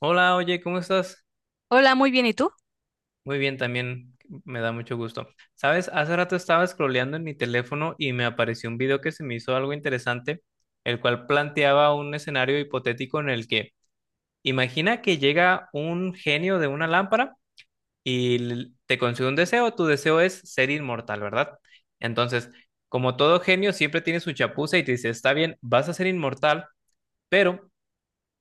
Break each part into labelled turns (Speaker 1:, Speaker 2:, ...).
Speaker 1: Hola, oye, ¿cómo estás?
Speaker 2: Hola, muy bien, ¿y tú?
Speaker 1: Muy bien, también me da mucho gusto. Sabes, hace rato estaba scrolleando en mi teléfono y me apareció un video que se me hizo algo interesante, el cual planteaba un escenario hipotético en el que imagina que llega un genio de una lámpara y te concede un deseo, tu deseo es ser inmortal, ¿verdad? Entonces, como todo genio, siempre tiene su chapuza y te dice, está bien, vas a ser inmortal, pero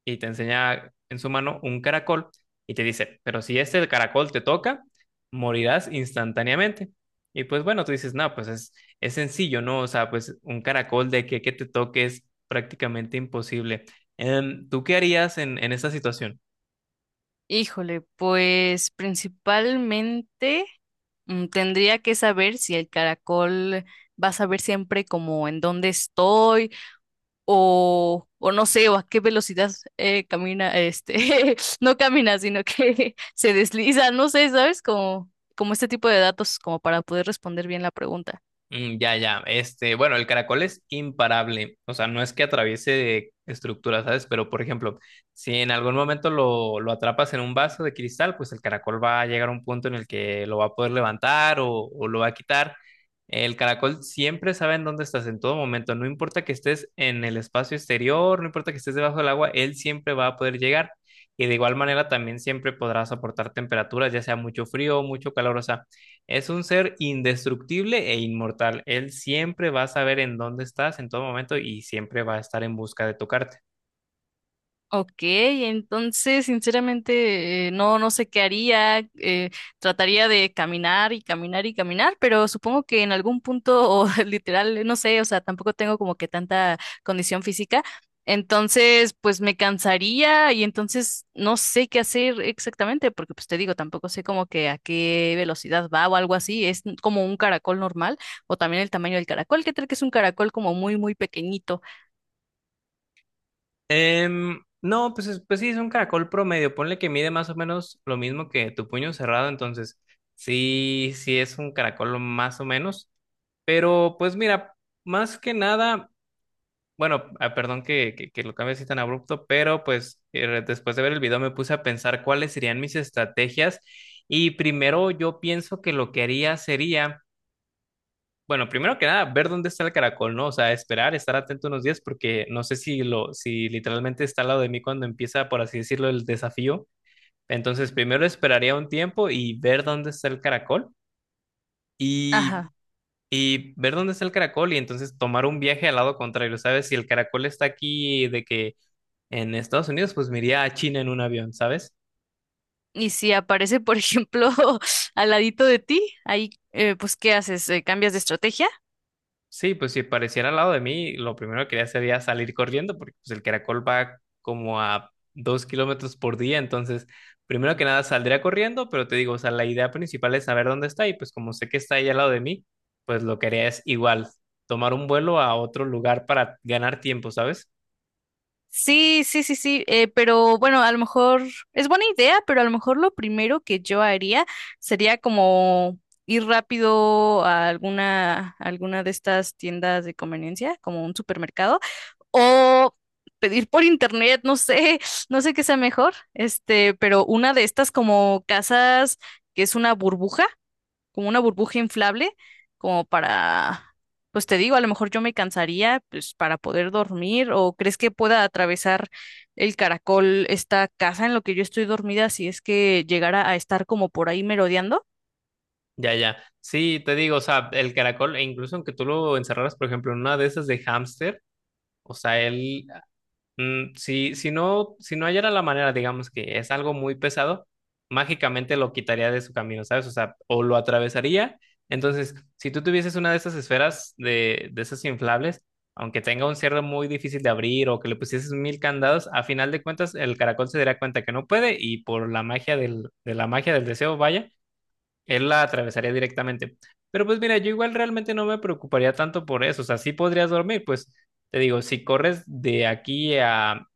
Speaker 1: y te enseña en su mano un caracol y te dice, pero si este caracol te toca, morirás instantáneamente. Y pues bueno, tú dices, no, pues es sencillo, ¿no? O sea, pues un caracol de que te toque es prácticamente imposible. ¿Tú qué harías en esta situación?
Speaker 2: Híjole, pues principalmente tendría que saber si el caracol va a saber siempre como en dónde estoy o, no sé, o a qué velocidad camina, este, no camina, sino que se desliza, no sé, ¿sabes? Como, este tipo de datos como para poder responder bien la pregunta.
Speaker 1: Mm, ya, ya. Bueno, el caracol es imparable. O sea, no es que atraviese estructuras, ¿sabes? Pero, por ejemplo, si en algún momento lo atrapas en un vaso de cristal, pues el caracol va a llegar a un punto en el que lo va a poder levantar o lo va a quitar. El caracol siempre sabe en dónde estás en todo momento. No importa que estés en el espacio exterior, no importa que estés debajo del agua, él siempre va a poder llegar. Y de igual manera también siempre podrá soportar temperaturas, ya sea mucho frío o mucho calor. O sea, es un ser indestructible e inmortal. Él siempre va a saber en dónde estás en todo momento y siempre va a estar en busca de tocarte.
Speaker 2: Ok, entonces sinceramente no, no sé qué haría. Trataría de caminar y caminar y caminar, pero supongo que en algún punto, o literal, no sé, o sea, tampoco tengo como que tanta condición física. Entonces, pues me cansaría y entonces no sé qué hacer exactamente, porque pues te digo, tampoco sé como que a qué velocidad va o algo así. Es como un caracol normal o también el tamaño del caracol. ¿Qué tal que es un caracol como muy, muy pequeñito?
Speaker 1: No, pues, pues sí, es un caracol promedio. Ponle que mide más o menos lo mismo que tu puño cerrado. Entonces, sí, sí es un caracol más o menos. Pero pues mira, más que nada. Bueno, ah, perdón que lo cambie así tan abrupto, pero pues después de ver el video me puse a pensar cuáles serían mis estrategias y primero yo pienso que lo que haría sería, bueno, primero que nada, ver dónde está el caracol, ¿no? O sea, esperar, estar atento unos días porque no sé si literalmente está al lado de mí cuando empieza, por así decirlo, el desafío. Entonces, primero esperaría un tiempo y ver dónde está el caracol y
Speaker 2: Ajá.
Speaker 1: y ver dónde está el caracol y entonces tomar un viaje al lado contrario, ¿sabes? Si el caracol está aquí de que en Estados Unidos, pues me iría a China en un avión, ¿sabes?
Speaker 2: Y si aparece, por ejemplo, al ladito de ti, ahí, pues, ¿qué haces? ¿Cambias de estrategia?
Speaker 1: Sí, pues si apareciera al lado de mí, lo primero que haría sería salir corriendo, porque pues, el caracol va como a 2 kilómetros por día, entonces primero que nada saldría corriendo, pero te digo, o sea, la idea principal es saber dónde está y pues como sé que está ahí al lado de mí, pues lo que haría es igual, tomar un vuelo a otro lugar para ganar tiempo, ¿sabes?
Speaker 2: Sí, sí, sí, sí, pero bueno, a lo mejor es buena idea, pero a lo mejor lo primero que yo haría sería como ir rápido a alguna, de estas tiendas de conveniencia, como un supermercado, o pedir por internet, no sé, no sé qué sea mejor, este, pero una de estas como casas que es una burbuja como una burbuja inflable, como para, pues te digo, a lo mejor yo me cansaría, pues para poder dormir, o crees que pueda atravesar el caracol esta casa en lo que yo estoy dormida si es que llegara a estar como por ahí merodeando?
Speaker 1: Ya, ya. Sí, te digo, o sea, el caracol, e incluso aunque tú lo encerraras, por ejemplo, en una de esas de hámster, o sea, él. Mm, si no hallara la manera, digamos que es algo muy pesado, mágicamente lo quitaría de su camino, ¿sabes? O sea, o lo atravesaría. Entonces, si tú tuvieses una de esas esferas de esas inflables, aunque tenga un cierre muy difícil de abrir o que le pusieses mil candados, a final de cuentas el caracol se daría cuenta que no puede y por la magia de la magia del deseo, vaya, él la atravesaría directamente. Pero pues mira, yo igual realmente no me preocuparía tanto por eso. O sea, sí podrías dormir, pues te digo, si corres de aquí a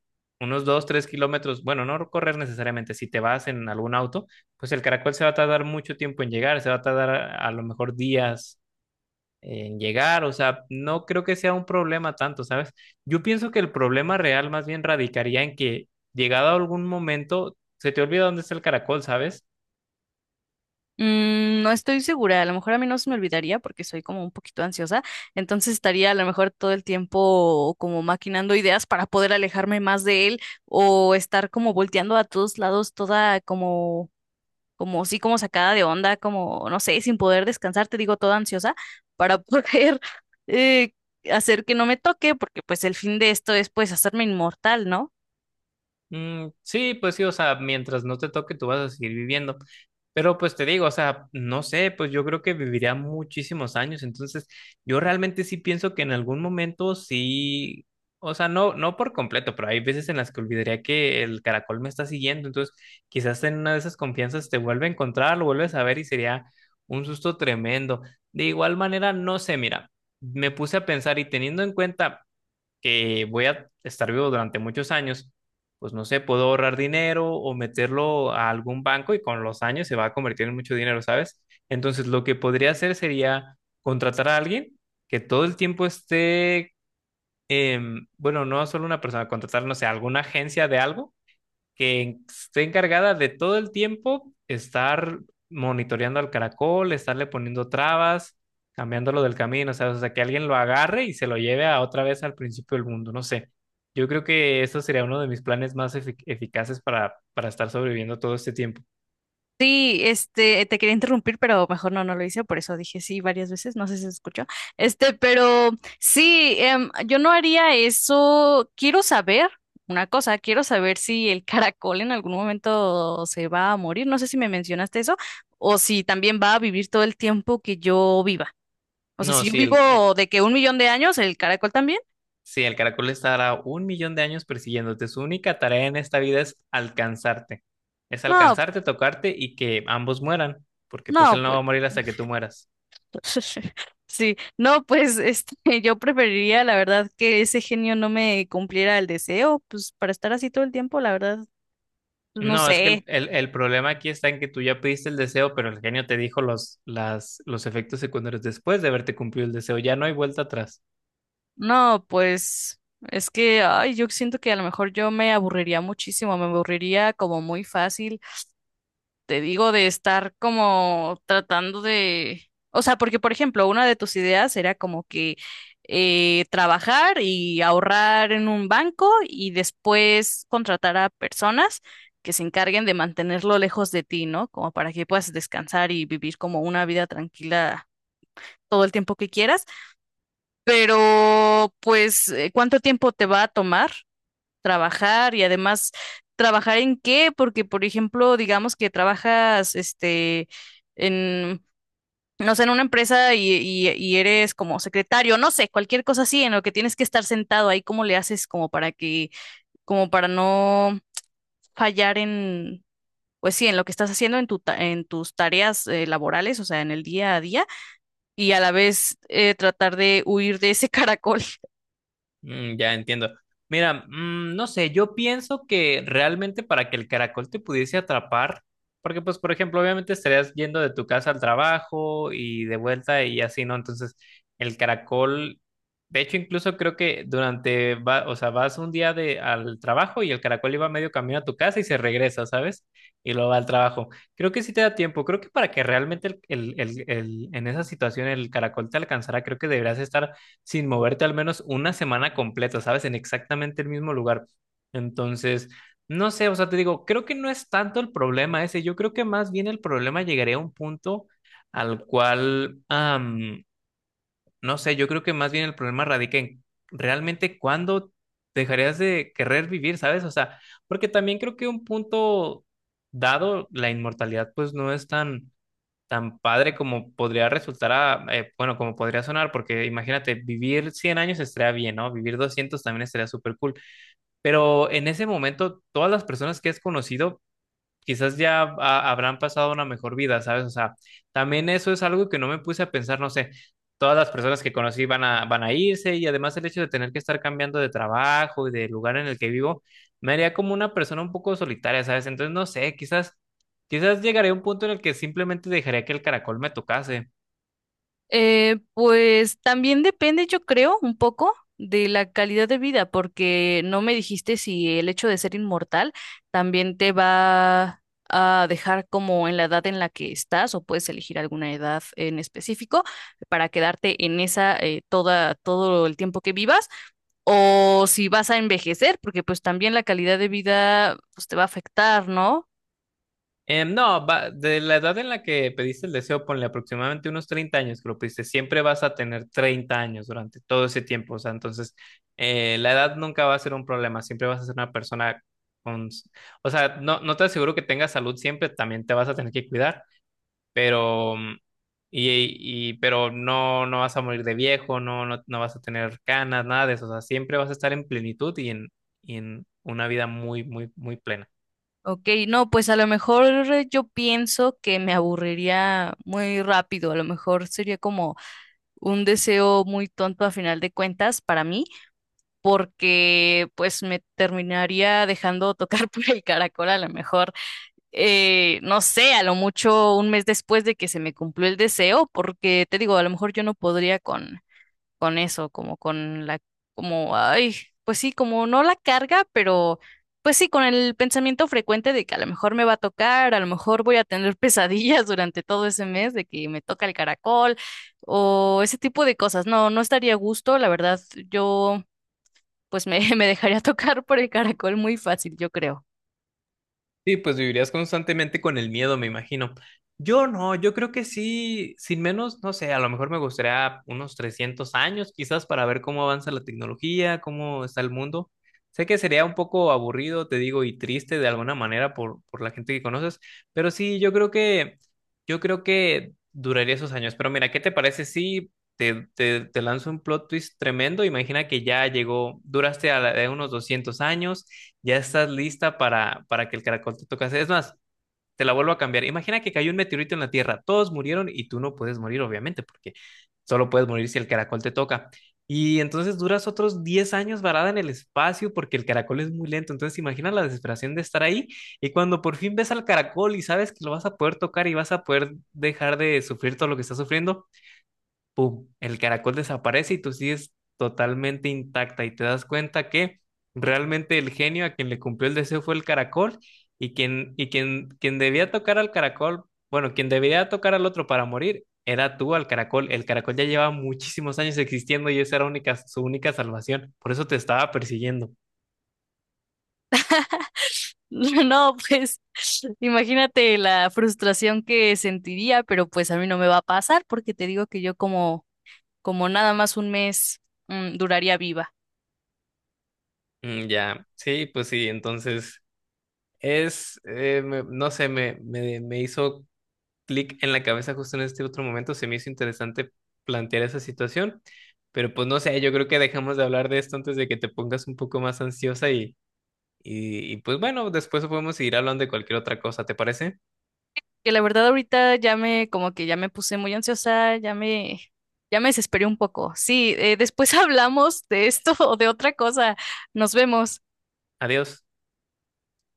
Speaker 1: unos 2 3 kilómetros, bueno, no correr necesariamente, si te vas en algún auto, pues el caracol se va a tardar mucho tiempo en llegar, se va a tardar a lo mejor días en llegar, o sea, no creo que sea un problema tanto, ¿sabes? Yo pienso que el problema real más bien radicaría en que llegado a algún momento se te olvida dónde está el caracol, ¿sabes?
Speaker 2: Mm, no estoy segura, a lo mejor a mí no se me olvidaría porque soy como un poquito ansiosa, entonces estaría a lo mejor todo el tiempo como maquinando ideas para poder alejarme más de él o estar como volteando a todos lados toda como así como sacada de onda, como, no sé, sin poder descansar, te digo, toda ansiosa para poder eh, hacer que no me toque, porque pues el fin de esto es pues hacerme inmortal, ¿no?
Speaker 1: Mm, sí, pues sí, o sea, mientras no te toque, tú vas a seguir viviendo. Pero pues te digo, o sea, no sé, pues yo creo que viviría muchísimos años. Entonces, yo realmente sí pienso que en algún momento sí, o sea, no, no por completo, pero hay veces en las que olvidaría que el caracol me está siguiendo. Entonces, quizás en una de esas confianzas te vuelve a encontrar, lo vuelves a ver y sería un susto tremendo. De igual manera, no sé, mira, me puse a pensar y teniendo en cuenta que voy a estar vivo durante muchos años, pues no sé, puedo ahorrar dinero o meterlo a algún banco y con los años se va a convertir en mucho dinero, ¿sabes? Entonces, lo que podría hacer sería contratar a alguien que todo el tiempo esté, bueno, no solo una persona, contratar, no sé, alguna agencia de algo que esté encargada de todo el tiempo estar monitoreando al caracol, estarle poniendo trabas, cambiándolo del camino, o sea, que alguien lo agarre y se lo lleve a otra vez al principio del mundo, no sé. Yo creo que eso sería uno de mis planes más eficaces para estar sobreviviendo todo este tiempo.
Speaker 2: Sí, este, te quería interrumpir, pero mejor no, no lo hice, por eso dije sí varias veces, no sé si se escuchó. Este, pero sí, yo no haría eso. Quiero saber una cosa, quiero saber si el caracol en algún momento se va a morir. No sé si me mencionaste eso, o si también va a vivir todo el tiempo que yo viva. O sea,
Speaker 1: No,
Speaker 2: si yo
Speaker 1: si el, eh,
Speaker 2: vivo de que un millón de años, el caracol también.
Speaker 1: si el caracol estará un millón de años persiguiéndote, su única tarea en esta vida es alcanzarte. Es
Speaker 2: No,
Speaker 1: alcanzarte, tocarte y que ambos mueran, porque pues
Speaker 2: no,
Speaker 1: él no va
Speaker 2: pues.
Speaker 1: a morir hasta que tú mueras.
Speaker 2: Sí, no, pues este, yo preferiría, la verdad, que ese genio no me cumpliera el deseo, pues para estar así todo el tiempo, la verdad, pues, no
Speaker 1: No, es que
Speaker 2: sé.
Speaker 1: el problema aquí está en que tú ya pediste el deseo, pero el genio te dijo los efectos secundarios después de haberte cumplido el deseo. Ya no hay vuelta atrás.
Speaker 2: No, pues es que, ay, yo siento que a lo mejor yo me aburriría muchísimo, me aburriría como muy fácil te digo, de estar como tratando de, o sea, porque por ejemplo, una de tus ideas era como que trabajar y ahorrar en un banco y después contratar a personas que se encarguen de mantenerlo lejos de ti, ¿no? Como para que puedas descansar y vivir como una vida tranquila todo el tiempo que quieras. Pero, pues, ¿cuánto tiempo te va a tomar? Trabajar y además trabajar en qué, porque por ejemplo, digamos que trabajas este en no sé, en una empresa y, y eres como secretario, no sé, cualquier cosa así en lo que tienes que estar sentado ahí, ¿cómo le haces como para que, como para no fallar en, pues sí, en lo que estás haciendo en en tus tareas laborales, o sea, en el día a día, y a la vez tratar de huir de ese caracol?
Speaker 1: Mm, ya entiendo. Mira, no sé, yo pienso que realmente para que el caracol te pudiese atrapar, porque pues, por ejemplo, obviamente estarías yendo de tu casa al trabajo y de vuelta y así, ¿no? Entonces, el caracol, de hecho, incluso creo que durante, o sea, vas un día al trabajo y el caracol iba medio camino a tu casa y se regresa, ¿sabes? Y luego va al trabajo. Creo que sí te da tiempo, creo que para que realmente en esa situación el caracol te alcanzara, creo que deberías estar sin moverte al menos una semana completa, ¿sabes? En exactamente el mismo lugar. Entonces, no sé, o sea, te digo, creo que no es tanto el problema ese, yo creo que más bien el problema llegaría a un punto al cual, no sé, yo creo que más bien el problema radica en realmente cuándo dejarías de querer vivir, ¿sabes? O sea, porque también creo que un punto dado, la inmortalidad pues no es tan padre como podría resultar, bueno, como podría sonar, porque imagínate, vivir 100 años estaría bien, ¿no? Vivir 200 también estaría súper cool, pero en ese momento todas las personas que has conocido quizás ya habrán pasado una mejor vida, ¿sabes? O sea, también eso es algo que no me puse a pensar, no sé, todas las personas que conocí van a irse y además el hecho de tener que estar cambiando de trabajo y de lugar en el que vivo, me haría como una persona un poco solitaria, ¿sabes? Entonces, no sé, quizás llegaré a un punto en el que simplemente dejaría que el caracol me tocase.
Speaker 2: Pues también depende, yo creo, un poco de la calidad de vida, porque no me dijiste si el hecho de ser inmortal también te va a dejar como en la edad en la que estás o puedes elegir alguna edad en específico para quedarte en esa toda todo el tiempo que vivas o si vas a envejecer, porque pues también la calidad de vida pues te va a afectar, ¿no?
Speaker 1: No, de la edad en la que pediste el deseo, ponle aproximadamente unos 30 años que lo pediste, siempre vas a tener 30 años durante todo ese tiempo, o sea, entonces la edad nunca va a ser un problema, siempre vas a ser una persona con, o sea, no, no te aseguro que tengas salud siempre, también te vas a tener que cuidar, pero, mm, pero no, no vas a morir de viejo, no, no, no vas a tener canas, nada de eso, o sea, siempre vas a estar en plenitud y y en una vida muy, muy, muy plena.
Speaker 2: Ok, no, pues a lo mejor yo pienso que me aburriría muy rápido, a lo mejor sería como un deseo muy tonto a final de cuentas para mí, porque pues me terminaría dejando tocar por el caracol a lo mejor, no sé, a lo mucho un mes después de que se me cumplió el deseo, porque te digo, a lo mejor yo no podría con eso, como con la, como, ay, pues sí, como no la carga, pero pues sí, con el pensamiento frecuente de que a lo mejor me va a tocar, a lo mejor voy a tener pesadillas durante todo ese mes de que me toca el caracol o ese tipo de cosas. No, no estaría a gusto, la verdad, yo pues me, me dejaría tocar por el caracol muy fácil, yo creo.
Speaker 1: Sí, pues vivirías constantemente con el miedo, me imagino. Yo no, yo creo que sí, sin menos, no sé, a lo mejor me gustaría unos 300 años quizás para ver cómo avanza la tecnología, cómo está el mundo. Sé que sería un poco aburrido, te digo, y triste de alguna manera por la gente que conoces, pero sí, yo creo que, duraría esos años. Pero mira, ¿qué te parece si te lanzo un plot twist tremendo? Imagina que ya llegó, duraste de unos 200 años. Ya estás lista para que el caracol te tocase. Es más, te la vuelvo a cambiar. Imagina que cayó un meteorito en la Tierra. Todos murieron y tú no puedes morir, obviamente, porque solo puedes morir si el caracol te toca. Y entonces duras otros 10 años varada en el espacio porque el caracol es muy lento. Entonces imagina la desesperación de estar ahí y cuando por fin ves al caracol y sabes que lo vas a poder tocar y vas a poder dejar de sufrir todo lo que estás sufriendo, pum, el caracol desaparece y tú sigues totalmente intacta y te das cuenta que realmente el genio a quien le cumplió el deseo fue el caracol y quien debía tocar al caracol, bueno, quien debía tocar al otro para morir era tú al caracol. El caracol ya lleva muchísimos años existiendo y esa era su única salvación. Por eso te estaba persiguiendo.
Speaker 2: No, pues imagínate la frustración que sentiría, pero pues a mí no me va a pasar porque te digo que yo como nada más un mes duraría viva.
Speaker 1: Mm, ya, sí, pues sí, entonces no sé, me hizo clic en la cabeza justo en este otro momento, se me hizo interesante plantear esa situación, pero pues no sé, yo creo que dejamos de hablar de esto antes de que te pongas un poco más ansiosa y pues bueno, después podemos seguir hablando de cualquier otra cosa, ¿te parece?
Speaker 2: Que la verdad ahorita como que ya me puse muy ansiosa, ya me desesperé un poco. Sí, después hablamos de esto o de otra cosa. Nos vemos.
Speaker 1: Adiós.